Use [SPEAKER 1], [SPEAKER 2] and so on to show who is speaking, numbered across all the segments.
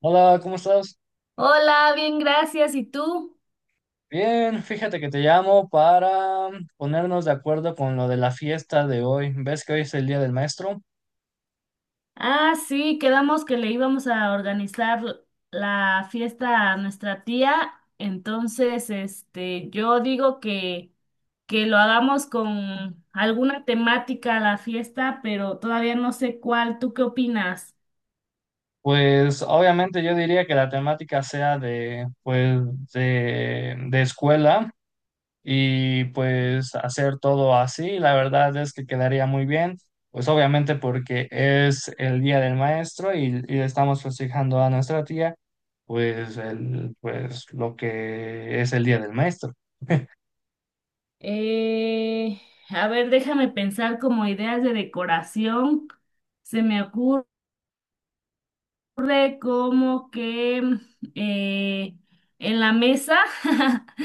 [SPEAKER 1] Hola, ¿cómo estás?
[SPEAKER 2] Hola, bien, gracias. ¿Y tú?
[SPEAKER 1] Bien, fíjate que te llamo para ponernos de acuerdo con lo de la fiesta de hoy. ¿Ves que hoy es el Día del Maestro?
[SPEAKER 2] Ah, sí, quedamos que le íbamos a organizar la fiesta a nuestra tía. Entonces, yo digo que lo hagamos con alguna temática a la fiesta, pero todavía no sé cuál. ¿Tú qué opinas?
[SPEAKER 1] Pues obviamente yo diría que la temática sea de, pues, de escuela y pues hacer todo así. La verdad es que quedaría muy bien, pues obviamente porque es el Día del Maestro y estamos festejando a nuestra tía, pues, el, pues lo que es el Día del Maestro.
[SPEAKER 2] Eh, a ver, déjame pensar como ideas de decoración. Se me ocurre. Ocurre como que eh, en la mesa,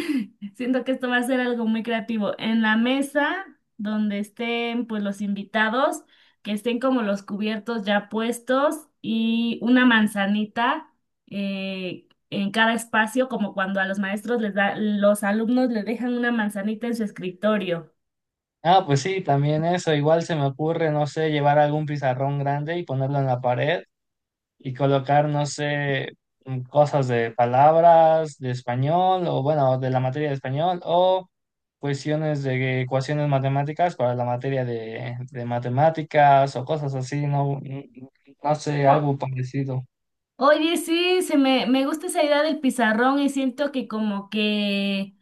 [SPEAKER 2] siento que esto va a ser algo muy creativo, en la mesa donde estén pues los invitados, que estén como los cubiertos ya puestos y una manzanita en cada espacio, como cuando a los maestros les da, los alumnos les dejan una manzanita en su escritorio.
[SPEAKER 1] Ah, pues sí, también eso. Igual se me ocurre, no sé, llevar algún pizarrón grande y ponerlo en la pared y colocar, no sé, cosas de palabras de español o bueno, de la materia de español o cuestiones de ecuaciones matemáticas para la materia de matemáticas o cosas así, no. No sé,
[SPEAKER 2] O-
[SPEAKER 1] algo parecido.
[SPEAKER 2] Oye, sí, me gusta esa idea del pizarrón y siento que como que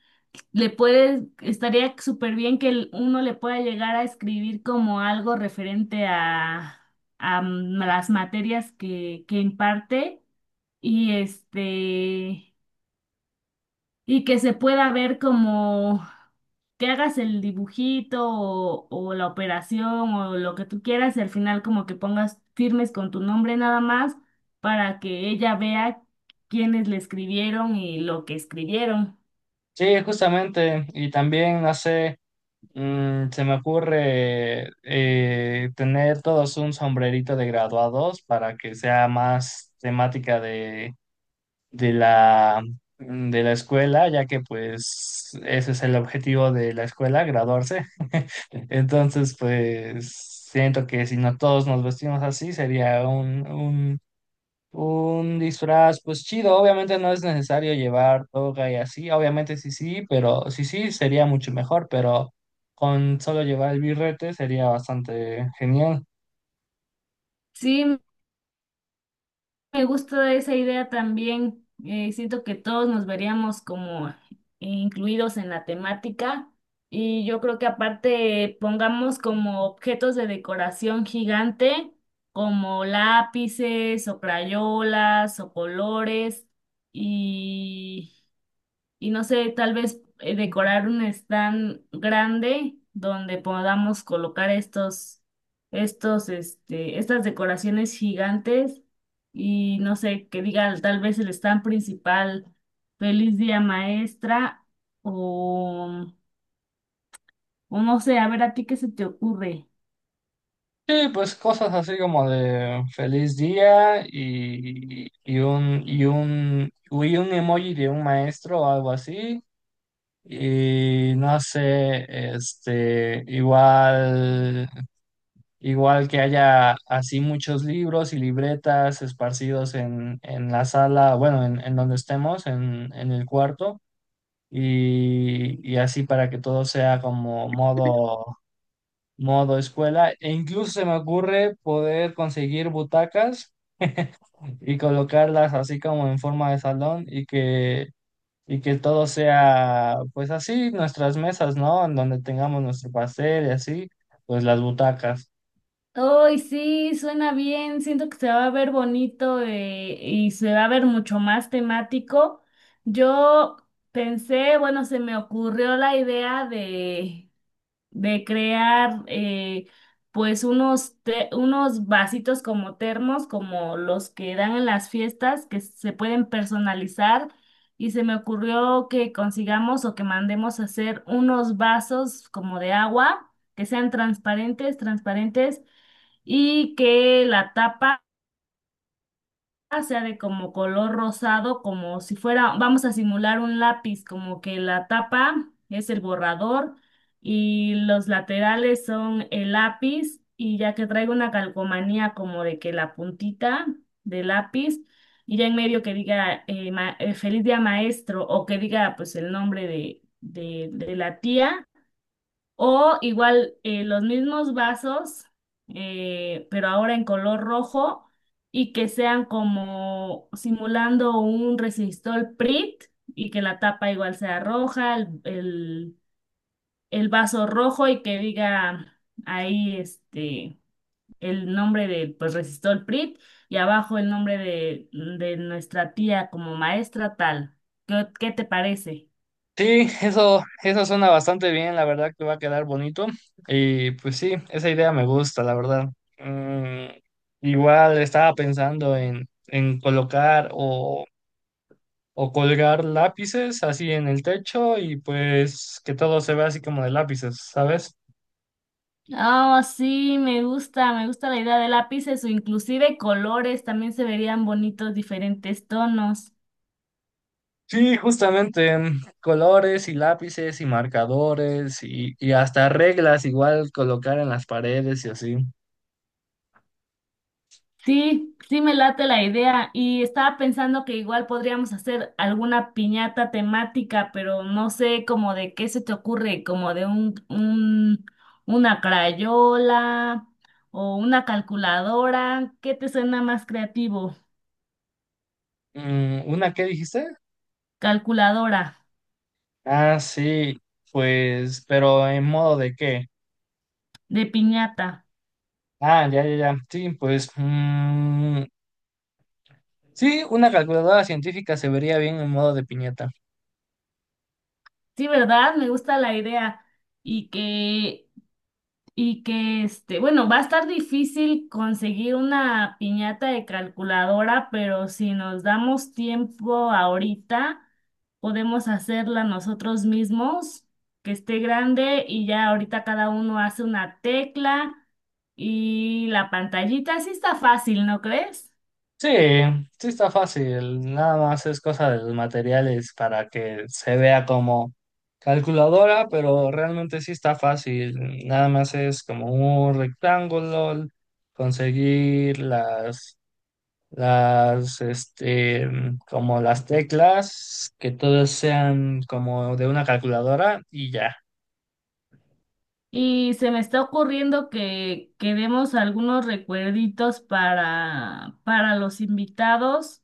[SPEAKER 2] estaría súper bien que uno le pueda llegar a escribir como algo referente a las materias que imparte y y que se pueda ver como que hagas el dibujito o la operación o lo que tú quieras y al final como que pongas firmes con tu nombre nada más para que ella vea quiénes le escribieron y lo que escribieron.
[SPEAKER 1] Sí, justamente, y también, no sé. Se me ocurre tener todos un sombrerito de graduados para que sea más temática de la, de la escuela, ya que pues ese es el objetivo de la escuela, graduarse. Entonces, pues siento que si no todos nos vestimos así, sería un disfraz, pues chido. Obviamente no es necesario llevar toga y así, obviamente sí, sí, pero sí, sí, sería mucho mejor, pero con solo llevar el birrete sería bastante genial.
[SPEAKER 2] Sí, me gusta esa idea también. Siento que todos nos veríamos como incluidos en la temática y yo creo que aparte pongamos como objetos de decoración gigante como lápices o crayolas o colores y no sé, tal vez decorar un stand grande donde podamos colocar estas decoraciones gigantes y no sé, que diga tal vez el stand principal, feliz día maestra o, o no sé, a ver a ti qué se te ocurre.
[SPEAKER 1] Sí, pues cosas así como de feliz día y, y un emoji de un maestro o algo así. Y no sé, este, igual. Igual que haya así muchos libros y libretas esparcidos en la sala, bueno, en donde estemos, en el cuarto, y así para que todo sea como modo, modo escuela. E incluso se me ocurre poder conseguir butacas y colocarlas así como en forma de salón y que todo sea, pues así, nuestras mesas, ¿no? En donde tengamos nuestro pastel y así, pues las butacas.
[SPEAKER 2] Ay, sí, suena bien. Siento que se va a ver bonito y se va a ver mucho más temático. Yo pensé, bueno, se me ocurrió la idea de crear pues unos vasitos como termos, como los que dan en las fiestas, que se pueden personalizar. Y se me ocurrió que consigamos o que mandemos a hacer unos vasos como de agua, que sean transparentes y que la tapa sea de como color rosado, como si fuera, vamos a simular un lápiz, como que la tapa es el borrador y los laterales son el lápiz y ya que traiga una calcomanía como de que la puntita del lápiz y ya en medio que diga feliz día maestro o que diga pues el nombre de la tía. O igual los mismos vasos, pero ahora en color rojo y que sean como simulando un resistor PRIT y que la tapa igual sea roja, el vaso rojo y que diga ahí el nombre de pues resistor PRIT y abajo el nombre de nuestra tía como maestra tal. Qué te parece?
[SPEAKER 1] Sí, eso suena bastante bien, la verdad que va a quedar bonito. Y pues sí, esa idea me gusta, la verdad. Mm, Igual estaba pensando en colocar o colgar lápices así en el techo y pues que todo se vea así como de lápices, ¿sabes?
[SPEAKER 2] Oh, sí, me gusta la idea de lápices o inclusive colores, también se verían bonitos diferentes tonos.
[SPEAKER 1] Sí, justamente, colores y lápices y marcadores y hasta reglas igual colocar en las paredes y así.
[SPEAKER 2] Sí, sí me late la idea y estaba pensando que igual podríamos hacer alguna piñata temática, pero no sé como de qué se te ocurre, como de una crayola o una calculadora, ¿qué te suena más creativo?
[SPEAKER 1] Mm, ¿una qué dijiste?
[SPEAKER 2] Calculadora
[SPEAKER 1] Ah, sí, pues, pero ¿en modo de qué?
[SPEAKER 2] de piñata.
[SPEAKER 1] Ah, ya, ya, ya. Sí, pues, mm, sí, una calculadora científica se vería bien en modo de piñata.
[SPEAKER 2] Sí, ¿verdad? Me gusta la idea y que y que bueno, va a estar difícil conseguir una piñata de calculadora, pero si nos damos tiempo ahorita, podemos hacerla nosotros mismos, que esté grande y ya ahorita cada uno hace una tecla y la pantallita, sí está fácil, ¿no crees?
[SPEAKER 1] Sí, sí está fácil, nada más es cosa de los materiales para que se vea como calculadora, pero realmente sí está fácil, nada más es como un rectángulo, conseguir las, este, como las teclas, que todos sean como de una calculadora y ya.
[SPEAKER 2] Y se me está ocurriendo que demos algunos recuerditos para los invitados.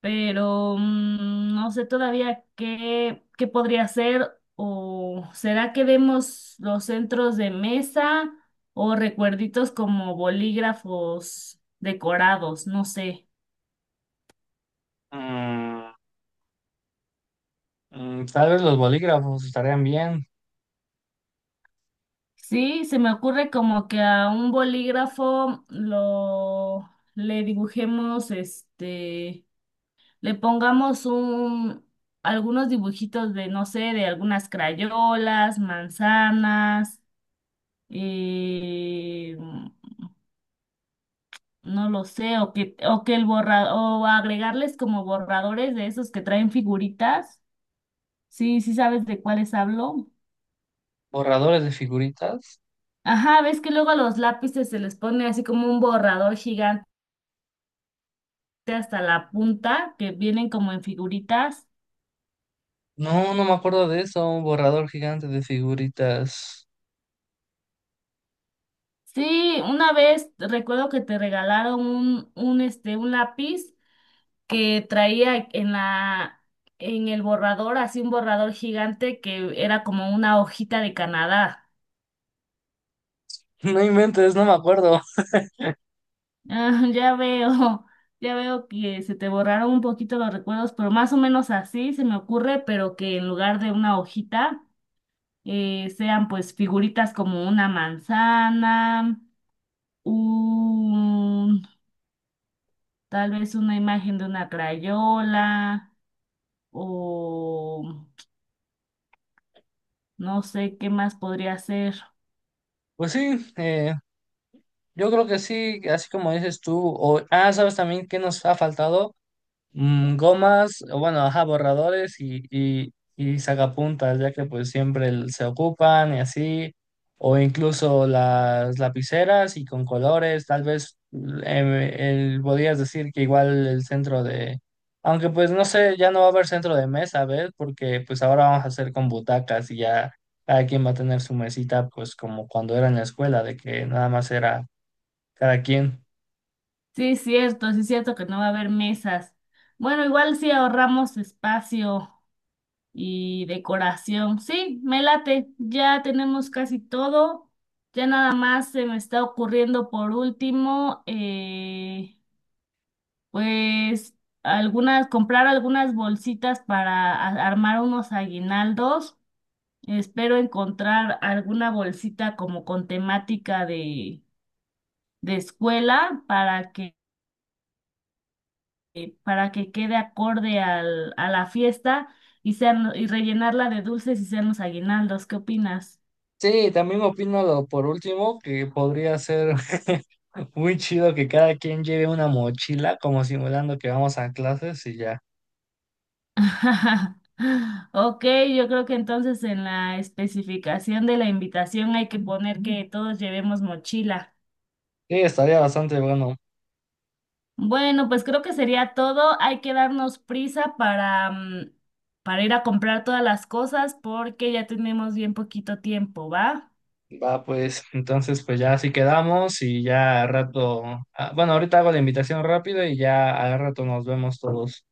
[SPEAKER 2] Pero no sé todavía qué podría hacer o será que demos los centros de mesa o recuerditos como bolígrafos decorados, no sé.
[SPEAKER 1] Mm, mm, tal vez los bolígrafos estarían bien,
[SPEAKER 2] Sí, se me ocurre como que a un bolígrafo lo le dibujemos, le pongamos un algunos dibujitos de, no sé, de algunas crayolas, manzanas, eh, no lo sé, o que o agregarles como borradores de esos que traen figuritas. Sí, sí sabes de cuáles hablo.
[SPEAKER 1] borradores de figuritas.
[SPEAKER 2] Ajá, ves que luego a los lápices se les pone así como un borrador gigante hasta la punta, que vienen como en figuritas.
[SPEAKER 1] No, no me acuerdo de eso, un borrador gigante de figuritas.
[SPEAKER 2] Sí, una vez recuerdo que te regalaron un lápiz que traía en en el borrador, así un borrador gigante que era como una hojita de Canadá.
[SPEAKER 1] No inventes, no me acuerdo.
[SPEAKER 2] Ah, ya veo que se te borraron un poquito los recuerdos, pero más o menos así se me ocurre, pero que en lugar de una hojita sean pues figuritas como una manzana, un, tal vez una imagen de una crayola o no sé qué más podría ser.
[SPEAKER 1] Pues sí, yo creo que sí, así como dices tú. Ah, ¿sabes también qué nos ha faltado? Mm, gomas, o bueno, ajá, borradores y y sacapuntas, ya que pues siempre se ocupan y así, o incluso las lapiceras y con colores, tal vez podrías decir que igual el centro de, aunque pues no sé, ya no va a haber centro de mesa, ¿ves? Porque pues ahora vamos a hacer con butacas y ya cada quien va a tener su mesita, pues como cuando era en la escuela, de que nada más era cada quien.
[SPEAKER 2] Sí es cierto que no va a haber mesas. Bueno, igual sí ahorramos espacio y decoración. Sí, me late. Ya tenemos casi todo. Ya nada más se me está ocurriendo por último, pues comprar algunas bolsitas para armar unos aguinaldos. Espero encontrar alguna bolsita como con temática de escuela para para que quede acorde a la fiesta y y rellenarla de dulces y sean los aguinaldos. ¿Qué opinas?
[SPEAKER 1] Sí, también opino lo por último que podría ser. Muy chido que cada quien lleve una mochila, como simulando que vamos a clases y ya.
[SPEAKER 2] Ok, yo creo que entonces en la especificación de la invitación hay que poner que todos llevemos mochila.
[SPEAKER 1] Sí, estaría bastante bueno.
[SPEAKER 2] Bueno, pues creo que sería todo. Hay que darnos prisa para, para ir a comprar todas las cosas porque ya tenemos bien poquito tiempo, ¿va?
[SPEAKER 1] Va, pues, entonces, pues ya así quedamos y ya al rato. Ah, bueno, ahorita hago la invitación rápido y ya al rato nos vemos todos.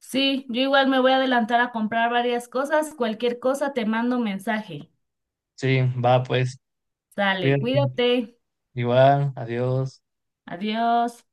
[SPEAKER 2] Sí, yo igual me voy a adelantar a comprar varias cosas. Cualquier cosa te mando un mensaje.
[SPEAKER 1] Sí, va, pues,
[SPEAKER 2] Sale,
[SPEAKER 1] cuídate.
[SPEAKER 2] cuídate.
[SPEAKER 1] Igual, adiós.
[SPEAKER 2] Adiós.